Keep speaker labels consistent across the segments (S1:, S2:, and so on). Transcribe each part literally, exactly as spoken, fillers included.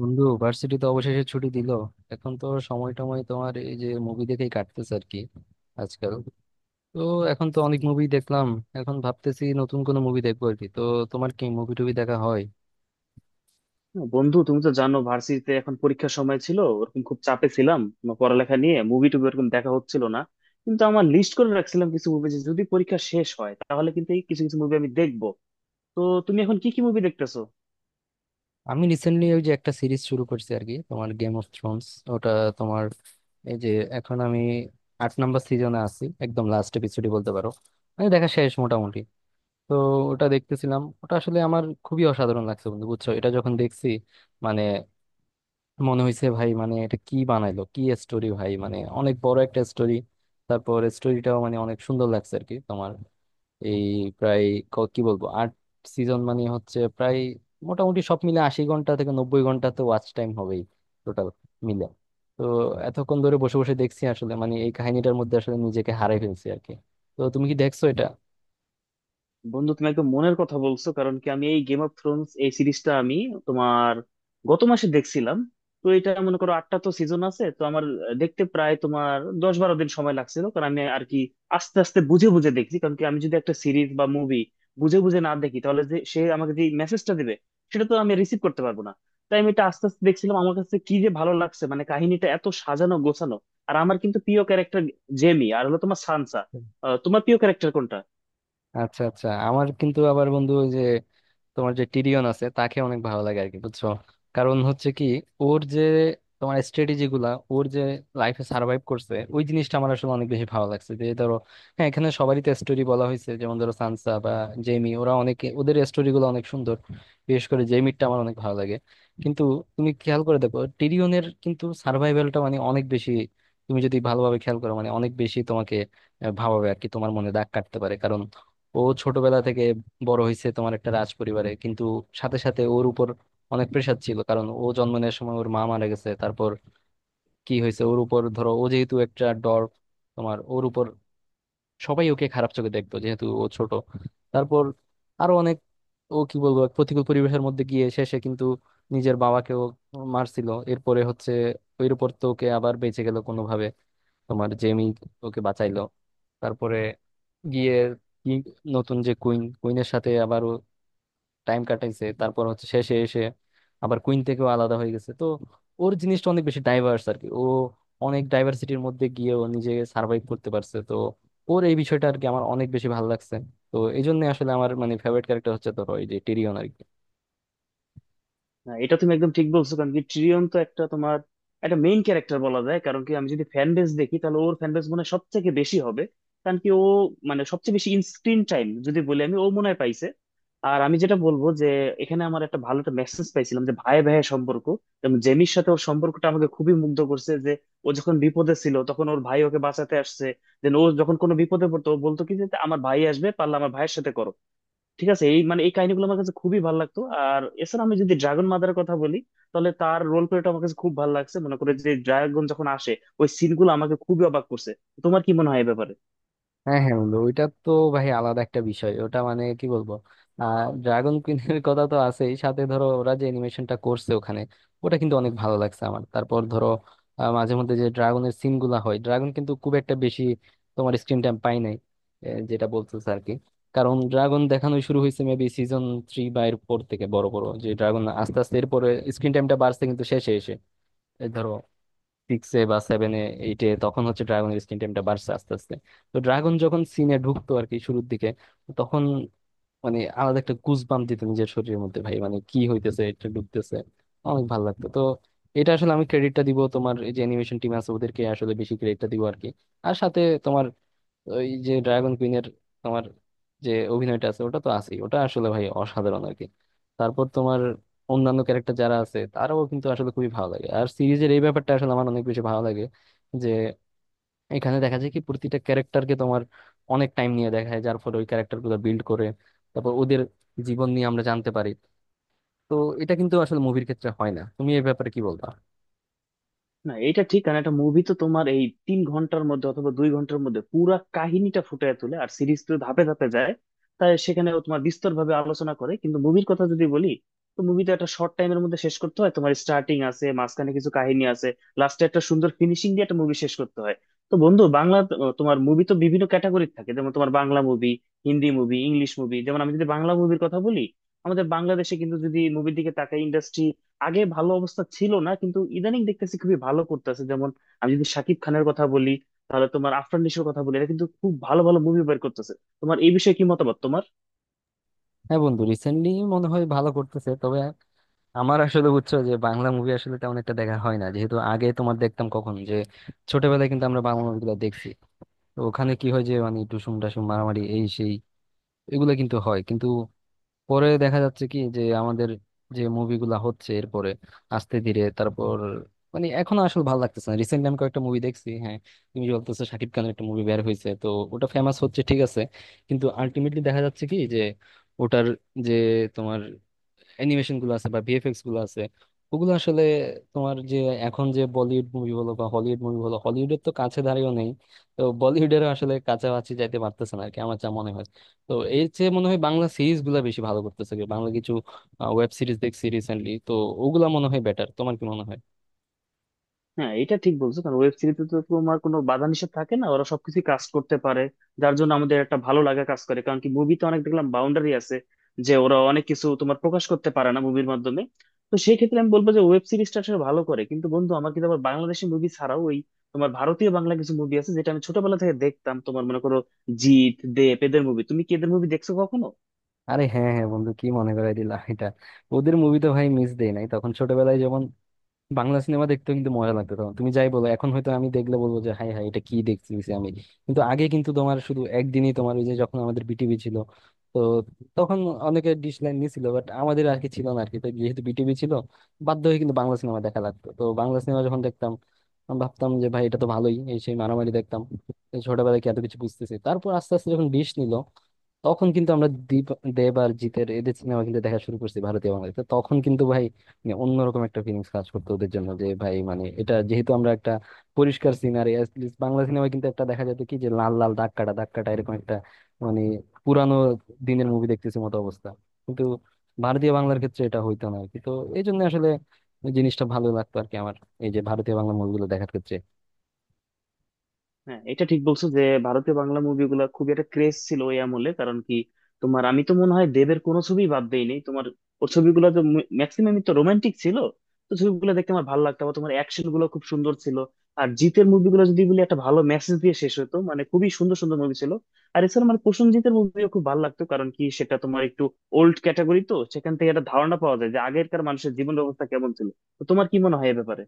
S1: বন্ধু, ভার্সিটি তো অবশেষে ছুটি দিল। এখন তো সময় টময় তোমার এই যে মুভি দেখেই কাটতেছে আর কি আজকাল। তো এখন তো অনেক মুভি দেখলাম। এখন ভাবতেছি নতুন কোনো মুভি দেখবো আর কি। তো তোমার কি মুভি টুভি দেখা হয়?
S2: না, বন্ধু, তুমি তো জানো ভার্সিটিতে এখন পরীক্ষার সময় ছিল, ওরকম খুব চাপে ছিলাম আমার পড়ালেখা নিয়ে। মুভি টুভি ওরকম দেখা হচ্ছিল না। কিন্তু আমার লিস্ট করে রাখছিলাম কিছু মুভি, যে যদি পরীক্ষা শেষ হয় তাহলে কিন্তু এই কিছু কিছু মুভি আমি দেখবো। তো তুমি এখন কি কি মুভি দেখতেছো?
S1: আমি রিসেন্টলি ওই যে একটা সিরিজ শুরু করছি আর কি, তোমার গেম অফ থ্রোনস। ওটা তোমার এই যে এখন আমি আট নাম্বার সিজনে আছি, একদম লাস্ট এপিসোডই বলতে পারো, মানে দেখা শেষ মোটামুটি। তো ওটা দেখতেছিলাম। ওটা আসলে আমার খুবই অসাধারণ লাগছে বন্ধু, বুঝছো? এটা যখন দেখছি, মানে মনে হয়েছে ভাই, মানে এটা কি বানাইলো, কি স্টোরি ভাই, মানে অনেক বড় একটা স্টোরি। তারপর স্টোরিটাও মানে অনেক সুন্দর লাগছে আর কি তোমার। এই প্রায় ক- কি বলবো, আট সিজন মানে হচ্ছে প্রায় মোটামুটি সব মিলে আশি ঘন্টা থেকে নব্বই ঘন্টা তো ওয়াচ টাইম হবেই টোটাল মিলে। তো এতক্ষণ ধরে বসে বসে দেখছি আসলে, মানে এই কাহিনীটার মধ্যে আসলে নিজেকে হারাই ফেলছি আর কি। তো তুমি কি দেখছো এটা?
S2: বন্ধু, তুমি একদম মনের কথা বলছো। কারণ কি আমি এই গেম অফ থ্রোনস এই সিরিজটা আমি তোমার গত মাসে দেখছিলাম। তো এটা মনে করো আটটা তো সিজন আছে, তো আমার দেখতে প্রায় তোমার দশ বারো দিন সময় লাগছিল। কারণ আমি আর কি আস্তে আস্তে বুঝে বুঝে দেখছি। কারণ কি আমি যদি একটা সিরিজ বা মুভি বুঝে বুঝে না দেখি তাহলে যে সে আমাকে যে মেসেজটা দেবে সেটা তো আমি রিসিভ করতে পারবো না। তাই আমি এটা আস্তে আস্তে দেখছিলাম। আমার কাছে কি যে ভালো লাগছে, মানে কাহিনীটা এত সাজানো গোছানো। আর আমার কিন্তু প্রিয় ক্যারেক্টার জেমি আর হলো তোমার সানসা। আহ, তোমার প্রিয় ক্যারেক্টার কোনটা?
S1: আচ্ছা আচ্ছা, আমার কিন্তু আবার বন্ধু ওই যে তোমার যে টিরিয়ন আছে তাকে অনেক ভালো লাগে আর কি, বুঝছো? কারণ হচ্ছে কি, ওর যে তোমার স্ট্র্যাটেজি গুলা, ওর যে লাইফে সার্ভাইভ করছে, ওই জিনিসটা আমার আসলে অনেক বেশি ভালো লাগছে। যে ধরো হ্যাঁ, এখানে সবারই তো স্টোরি বলা হয়েছে, যেমন ধরো সানসা বা জেমি, ওরা অনেকে, ওদের স্টোরি গুলো অনেক সুন্দর। বিশেষ করে জেমিরটা আমার অনেক ভালো লাগে। কিন্তু তুমি খেয়াল করে দেখো, টিরিয়নের কিন্তু সার্ভাইভালটা মানে অনেক বেশি। তুমি যদি ভালোভাবে খেয়াল করো মানে অনেক বেশি তোমাকে আহ, ভাবাবে আর কি, তোমার মনে দাগ কাটতে পারে। ও ছোটবেলা থেকে বড় হয়েছে তোমার একটা রাজ পরিবারে, কিন্তু সাথে সাথে ওর উপর অনেক প্রেশার ছিল, কারণ ও জন্ম নেওয়ার সময় ওর মা মারা গেছে। তারপর কি হয়েছে ওর উপর, ধরো ও যেহেতু একটা ডর, তোমার ওর উপর সবাই ওকে খারাপ চোখে দেখতো যেহেতু ও ছোট। তারপর আরো অনেক, ও কি বলবো, এক প্রতিকূল পরিবেশের মধ্যে গিয়ে শেষে কিন্তু নিজের বাবাকেও মারছিল। এরপরে হচ্ছে ওর উপর, তো ওকে আবার বেঁচে গেল কোনোভাবে, তোমার জেমি ওকে বাঁচাইলো। তারপরে গিয়ে কি, নতুন যে কুইন, কুইনের সাথে আবারও টাইম কাটাইছে, তারপর হচ্ছে শেষে এসে আবার কুইন থেকেও আলাদা হয়ে গেছে। তো ওর জিনিসটা অনেক বেশি ডাইভার্স আর কি। ও অনেক ডাইভার্সিটির মধ্যে গিয়ে ও নিজে সার্ভাইভ করতে পারছে। তো ওর এই বিষয়টা আর কি আমার অনেক বেশি ভালো লাগছে। তো এই জন্য আসলে আমার মানে ফেভারিট ক্যারেক্টার হচ্ছে ধরো এই যে টিরিয়ন আর কি।
S2: না, এটা তুমি একদম ঠিক বলছো। কারণ কি ট্রিয়ন তো একটা তোমার একটা মেইন ক্যারেক্টার বলা যায়। কারণ কি আমি যদি ফ্যান বেস দেখি তাহলে ওর ফ্যান বেস মনে হয় সবথেকে বেশি হবে। কারণ কি ও মানে সবচেয়ে বেশি স্ক্রিন টাইম যদি বলি আমি, ও মনে হয় পাইছে। আর আমি যেটা বলবো যে এখানে আমার একটা ভালো একটা মেসেজ পাইছিলাম, যে ভাই ভাইয়ের সম্পর্ক। যেমন জেমির সাথে ওর সম্পর্কটা আমাকে খুবই মুগ্ধ করছে। যে ও যখন বিপদে ছিল তখন ওর ভাই ওকে বাঁচাতে আসছে। দেন ও যখন কোনো বিপদে পড়তো ও বলতো কি যে আমার ভাই আসবে, পারলে আমার ভাইয়ের সাথে করো ঠিক আছে। এই মানে এই কাহিনীগুলো আমার কাছে খুবই ভালো লাগতো। আর এছাড়া আমি যদি ড্রাগন মাদারের কথা বলি তাহলে তার রোল প্লেটা আমার কাছে খুব ভালো লাগছে। মনে করে যে ড্রাগন যখন আসে ওই সিনগুলো আমাকে খুবই অবাক করছে। তোমার কি মনে হয় এ ব্যাপারে?
S1: হ্যাঁ হ্যাঁ বন্ধু, ওইটা তো ভাই আলাদা একটা বিষয়। ওটা মানে কি বলবো, আহ ড্রাগন কুইনের কথা তো আছেই, সাথে ধরো ওরা যে অ্যানিমেশনটা করছে ওখানে, ওটা কিন্তু অনেক ভালো লাগছে আমার। তারপর ধরো আহ, মাঝে মধ্যে যে ড্রাগনের সিন গুলা হয়, ড্রাগন কিন্তু খুব একটা বেশি তোমার স্ক্রিন টাইম পাই নাই, এ, যেটা বলতেছে আর কি। কারণ ড্রাগন দেখানো শুরু হয়েছে মেবি সিজন থ্রি বা এর পর থেকে। বড় বড় যে ড্রাগন, আস্তে আস্তে এরপরে স্ক্রিন টাইমটা বাড়ছে। কিন্তু শেষে এসে এই ধরো সিক্সে বা সেভেনে এইটে তখন হচ্ছে ড্রাগনের স্ক্রিন টাইমটা বাড়ছে আস্তে আস্তে। তো ড্রাগন যখন সিনে ঢুকতো আর কি শুরুর দিকে, তখন মানে আলাদা একটা গুজবাম দিত নিজের শরীরের মধ্যে, ভাই মানে কি হইতেছে, এটা ঢুকতেছে, অনেক ভালো লাগতো। তো এটা আসলে আমি ক্রেডিটটা দিব তোমার এই যে অ্যানিমেশন টিম আছে ওদেরকে, আসলে বেশি ক্রেডিটটা দিব আর কি। আর সাথে তোমার ওই যে ড্রাগন কুইনের তোমার যে অভিনয়টা আছে ওটা তো আছেই, ওটা আসলে ভাই অসাধারণ আর কি। তারপর তোমার অন্যান্য ক্যারেক্টার যারা আছে, তারাও কিন্তু আসলে খুবই ভালো লাগে। আর সিরিজের এই ব্যাপারটা আসলে আমার অনেক বেশি ভালো লাগে, যে এখানে দেখা যায় কি প্রতিটা ক্যারেক্টারকে তোমার অনেক টাইম নিয়ে দেখায়, যার ফলে ওই ক্যারেক্টার গুলো বিল্ড করে। তারপর ওদের জীবন নিয়ে আমরা জানতে পারি। তো এটা কিন্তু আসলে মুভির ক্ষেত্রে হয় না। তুমি এই ব্যাপারে কি বলবা?
S2: না, এটা ঠিক। কারণ একটা মুভি তো তোমার এই তিন ঘন্টার মধ্যে অথবা দুই ঘন্টার মধ্যে পুরা কাহিনীটা ফুটিয়ে তোলে, আর সিরিজ তো ধাপে ধাপে যায়। তাই সেখানে ও তোমার বিস্তর ভাবে আলোচনা করে। কিন্তু মুভির কথা যদি বলি, তো মুভি তো একটা শর্ট টাইমের মধ্যে শেষ করতে হয়। তোমার স্টার্টিং আছে, মাঝখানে কিছু কাহিনী আছে, লাস্টে একটা সুন্দর ফিনিশিং দিয়ে একটা মুভি শেষ করতে হয়। তো বন্ধু, বাংলা আহ, তোমার মুভি তো বিভিন্ন ক্যাটাগরি থাকে, যেমন তোমার Bangla movie, Hindi movie, English movie. যেমন আমি যদি বাংলা মুভির কথা বলি, আমাদের বাংলাদেশে কিন্তু যদি মুভির দিকে তাকাই, ইন্ডাস্ট্রি আগে ভালো অবস্থা ছিল না, কিন্তু ইদানিং দেখতেছি খুবই ভালো করতেছে। যেমন আমি যদি শাকিব খানের কথা বলি, তাহলে তোমার আফরান নিশোর কথা বলি, এরা কিন্তু খুব ভালো ভালো মুভি বের করতেছে। তোমার এই বিষয়ে কি মতামত তোমার?
S1: হ্যাঁ বন্ধু, রিসেন্টলি মনে হয় ভালো করতেছে, তবে আমার আসলে, বুঝছো, যে বাংলা মুভি আসলে তেমন একটা দেখা হয় না। যেহেতু আগে তোমার দেখতাম, কখন যে ছোটবেলায় কিন্তু আমরা বাংলা মুভিগুলো দেখছি। তো ওখানে কি হয় যে, মানে টুসুম টাসুম মারামারি, এই সেই, এগুলো কিন্তু হয়। কিন্তু পরে দেখা যাচ্ছে কি যে আমাদের যে মুভিগুলা হচ্ছে এরপরে আস্তে ধীরে, তারপর মানে এখন আসলে ভালো লাগতেছে না। রিসেন্টলি আমি কয়েকটা মুভি দেখছি, হ্যাঁ। তুমি যে বলতেছো শাকিব খানের একটা মুভি বের হয়েছে, তো ওটা ফেমাস হচ্ছে, ঠিক আছে। কিন্তু আলটিমেটলি দেখা যাচ্ছে কি যে ওটার যে তোমার অ্যানিমেশন গুলো আছে বা ভিএফএক্স গুলো আছে, ওগুলো আসলে তোমার যে এখন যে বলিউড মুভি বলো বা হলিউড মুভি বলো, হলিউডের তো কাছে দাঁড়িয়েও নেই। তো বলিউডেরও আসলে কাছাকাছি যাইতে পারতেছে না আর কি, আমার যা মনে হয়। তো এর চেয়ে মনে হয় বাংলা সিরিজ গুলা বেশি ভালো করতেছে। কি বাংলা কিছু ওয়েব সিরিজ দেখছি রিসেন্টলি, তো ওগুলা মনে হয় বেটার। তোমার কি মনে হয়?
S2: হ্যাঁ, এটা ঠিক বলছো। কারণ ওয়েব সিরিজে তো তোমার কোনো বাধা নিষেধ থাকে না, ওরা সবকিছু কাজ করতে পারে। যার জন্য আমাদের একটা ভালো লাগা কাজ করে। কারণ কি মুভিতে অনেক দেখলাম বাউন্ডারি আছে, যে ওরা অনেক কিছু তোমার প্রকাশ করতে পারে না মুভির মাধ্যমে। তো সেই ক্ষেত্রে আমি বলবো যে ওয়েব সিরিজটা আসলে ভালো করে। কিন্তু বন্ধু, আমার কিন্তু আবার বাংলাদেশি মুভি ছাড়াও ওই তোমার ভারতীয় বাংলা কিছু মুভি আছে যেটা আমি ছোটবেলা থেকে দেখতাম। তোমার মনে করো জিত দেব এদের মুভি, তুমি কি এদের মুভি দেখছো কখনো?
S1: আরে হ্যাঁ হ্যাঁ বন্ধু, কি মনে করাই দিলা এটা। ওদের মুভি তো ভাই মিস দেই নাই তখন ছোটবেলায়। বাংলা সিনেমা দেখতেও কিন্তু মজা লাগতো তখন, তুমি যাই বলো। এখন হয়তো আমি দেখলে বলবো যে হাই হাই, এটা কি দেখতেছি আমি। কিন্তু আগে কিন্তু তোমার শুধু একদিনই, তোমার ওই যে যখন আমাদের বিটিভি ছিল, তো তখন অনেকে ডিশ লাইন নিছিল, বাট আমাদের আর কি ছিল না আর কি। তো যেহেতু বিটিভি ছিল, বাধ্য হয়ে কিন্তু বাংলা সিনেমা দেখা লাগতো। তো বাংলা সিনেমা যখন দেখতাম, আমি ভাবতাম যে ভাই এটা তো ভালোই, এই সেই মারামারি দেখতাম। এই ছোটবেলায় কি এত কিছু বুঝতেছি। তারপর আস্তে আস্তে যখন ডিশ নিল, তখন কিন্তু আমরা দীপ, দেব আর জিতের এদের সিনেমা কিন্তু দেখা শুরু করছি ভারতীয় বাংলাদেশে। তখন কিন্তু ভাই মানে অন্যরকম একটা ফিলিংস কাজ করতো ওদের জন্য, যে ভাই মানে এটা যেহেতু আমরা একটা পরিষ্কার সিনারি, বাংলা সিনেমায় কিন্তু একটা দেখা যেত কি যে লাল লাল দাগ কাটা দাগ কাটা এরকম একটা, মানে পুরানো দিনের মুভি দেখতেছি মতো অবস্থা। কিন্তু ভারতীয় বাংলার ক্ষেত্রে এটা হইতো না আর কি। তো এই জন্য আসলে ওই জিনিসটা ভালো লাগতো আর কি আমার, এই যে ভারতীয় বাংলা মুভিগুলো দেখার ক্ষেত্রে।
S2: হ্যাঁ, এটা ঠিক বলছো যে ভারতীয় বাংলা মুভিগুলো খুবই একটা ক্রেজ ছিল ওই আমলে। কারণ কি তোমার আমি তো মনে হয় দেবের কোনো ছবি বাদ দেইনি। তোমার ওর ছবিগুলো তো ম্যাক্সিমামই তো রোমান্টিক ছিল, তো ছবিগুলো দেখতে আমার ভালো লাগতো। আবার তোমার অ্যাকশন গুলো খুব সুন্দর ছিল। আর জিতের মুভিগুলো যদি বলি, একটা ভালো মেসেজ দিয়ে শেষ হতো, মানে খুবই সুন্দর সুন্দর মুভি ছিল। আর এছাড়া মানে প্রসেনজিতের মুভিও খুব ভালো লাগতো। কারণ কি সেটা তোমার একটু ওল্ড ক্যাটাগরি, তো সেখান থেকে একটা ধারণা পাওয়া যায় যে আগেরকার মানুষের জীবন ব্যবস্থা কেমন ছিল। তো তোমার কি মনে হয় এ ব্যাপারে?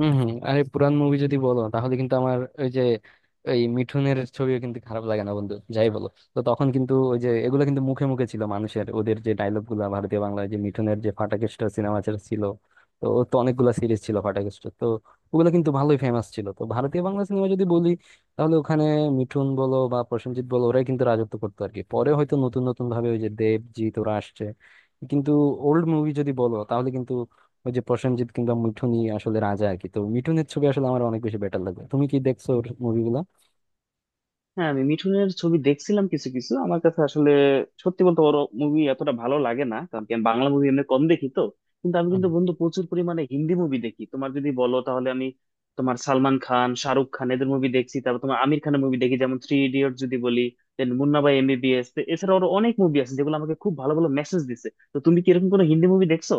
S1: হম হম, আরে পুরান মুভি যদি বলো তাহলে কিন্তু আমার ওই যে এই মিঠুনের ছবিও কিন্তু খারাপ লাগে না বন্ধু, যাই বলো। তো তখন কিন্তু ওই যে এগুলো কিন্তু মুখে মুখে ছিল মানুষের, ওদের যে ডায়লগ গুলা, ভারতীয় বাংলায় যে মিঠুনের যে ফাটাকেস্ট সিনেমা ছিল, তো ওর তো অনেকগুলা সিরিজ ছিল ফাটাকেস্ট। তো ওগুলো কিন্তু ভালোই ফেমাস ছিল। তো ভারতীয় বাংলা সিনেমা যদি বলি, তাহলে ওখানে মিঠুন বলো বা প্রসেনজিৎ বলো, ওরাই কিন্তু রাজত্ব করতো আর কি। পরে হয়তো নতুন নতুন ভাবে ওই যে দেবজিৎ ওরা আসছে। কিন্তু ওল্ড মুভি যদি বলো তাহলে কিন্তু ওই যে প্রসেনজিৎ কিংবা মিঠুনই আসলে রাজা আর কি। তো মিঠুনের ছবি আসলে আমার অনেক বেশি বেটার লাগে। তুমি কি দেখছো ওর মুভিগুলা?
S2: হ্যাঁ, আমি মিঠুনের ছবি দেখছিলাম কিছু কিছু। আমার কাছে আসলে সত্যি বলতে ওর মুভি এতটা ভালো লাগে না। কারণ কি আমি বাংলা মুভি এমনি কম দেখি। তো কিন্তু আমি কিন্তু বন্ধু প্রচুর পরিমাণে হিন্দি মুভি দেখি। তোমার যদি বলো তাহলে আমি তোমার সালমান খান, শাহরুখ খান এদের মুভি দেখছি। তারপর তোমার আমির খানের মুভি দেখি, যেমন থ্রি ইডিয়ট যদি বলি, দেন মুন্না ভাই এমবিবিএস। এছাড়া আরো অনেক মুভি আছে যেগুলো আমাকে খুব ভালো ভালো মেসেজ দিছে। তো তুমি কি এরকম কোনো হিন্দি মুভি দেখছো?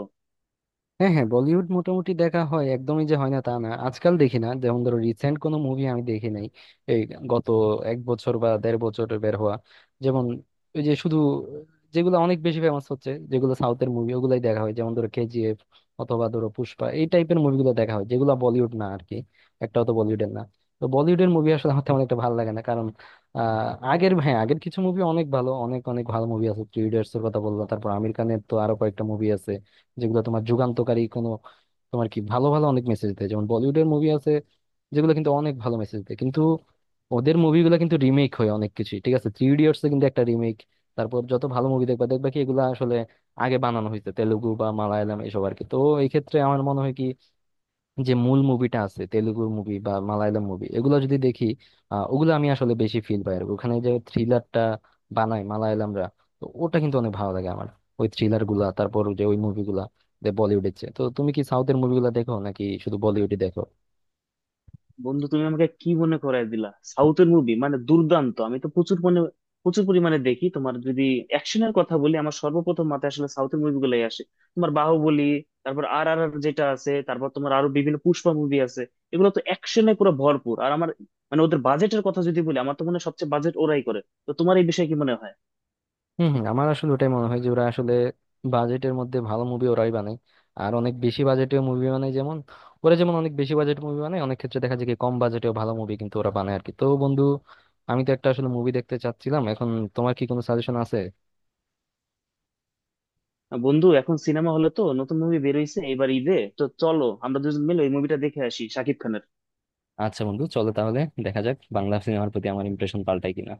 S1: হ্যাঁ হ্যাঁ, বলিউড মোটামুটি দেখা হয়, একদমই যে হয় না তা না। আজকাল দেখি না, যেমন ধরো রিসেন্ট কোনো মুভি আমি দেখি নাই, এই গত এক বছর বা দেড় বছর বের হওয়া। যেমন ওই যে শুধু যেগুলো অনেক বেশি ফেমাস হচ্ছে, যেগুলো সাউথের মুভি, ওগুলাই দেখা হয়। যেমন ধরো কেজিএফ অথবা ধরো পুষ্পা, এই টাইপের মুভিগুলো দেখা হয়, যেগুলো বলিউড না আর কি, একটাও তো বলিউডের না। তো বলিউডের মুভি আসলে আমার তেমন একটা ভালো লাগে না। কারণ আহ আগের হ্যাঁ, আগের কিছু মুভি অনেক ভালো, অনেক অনেক ভালো মুভি আছে। থ্রি ইডিয়টস এর কথা বললাম, তারপর আমির খানের তো আরো কয়েকটা মুভি আছে, যেগুলো তোমার যুগান্তকারী কোনো তোমার কি ভালো ভালো অনেক মেসেজ দেয়। যেমন বলিউডের মুভি আছে যেগুলো কিন্তু অনেক ভালো মেসেজ দেয়। কিন্তু ওদের মুভিগুলো কিন্তু রিমেক হয় অনেক কিছু, ঠিক আছে, থ্রি ইডিয়টস কিন্তু একটা রিমেক। তারপর যত ভালো মুভি দেখবা দেখবা কি এগুলো আসলে আগে বানানো হয়েছে তেলুগু বা মালায়ালাম এসব আর কি। তো এই ক্ষেত্রে আমার মনে হয় কি, যে মূল মুভিটা আছে তেলুগু মুভি বা মালায়ালাম মুভি, এগুলো যদি দেখি আহ, ওগুলো আমি আসলে বেশি ফিল পাই আর কি। ওখানে যে থ্রিলারটা বানায় মালায়ালামরা, তো ওটা কিন্তু অনেক ভালো লাগে আমার, ওই থ্রিলার গুলা। তারপর যে ওই মুভিগুলা বলিউডের চেয়ে, তো তুমি কি সাউথের মুভিগুলা দেখো নাকি শুধু বলিউডই দেখো?
S2: বন্ধু, তুমি আমাকে কি মনে করায় দিলা। সাউথের মুভি মানে দুর্দান্ত, আমি তো প্রচুর মানে প্রচুর পরিমাণে দেখি। তোমার যদি অ্যাকশনের কথা বলি, আমার সর্বপ্রথম মাথায় আসলে সাউথের মুভিগুলোই আসে। তোমার বাহুবলী, তারপর আর আর আর যেটা আছে, তারপর তোমার আরো বিভিন্ন পুষ্পা মুভি আছে। এগুলো তো অ্যাকশনে পুরো ভরপুর। আর আমার মানে ওদের বাজেটের কথা যদি বলি, আমার তো মনে হয় সবচেয়ে বাজেট ওরাই করে। তো তোমার এই বিষয়ে কি মনে হয়?
S1: হম হম, আমার আসলে ওটাই মনে হয় যে ওরা আসলে বাজেটের মধ্যে ভালো মুভি ওরাই বানায়। আর অনেক বেশি বাজেটেও মুভি বানায়। যেমন ওরা যেমন অনেক বেশি বাজেট মুভি বানায়, অনেক ক্ষেত্রে দেখা যায় কি কম বাজেটেও ভালো মুভি কিন্তু ওরা বানায় আর কি। তো বন্ধু, আমি তো একটা আসলে মুভি দেখতে চাচ্ছিলাম এখন, তোমার কি কোনো সাজেশন আছে?
S2: বন্ধু, এখন সিনেমা হলে তো নতুন মুভি বেরোইছে, এবার ঈদে তো চলো আমরা দুজন মিলে ওই মুভিটা দেখে আসি শাকিব খানের।
S1: আচ্ছা বন্ধু, চলো তাহলে। দেখা যাক বাংলা সিনেমার প্রতি আমার ইমপ্রেশন পাল্টায় কিনা।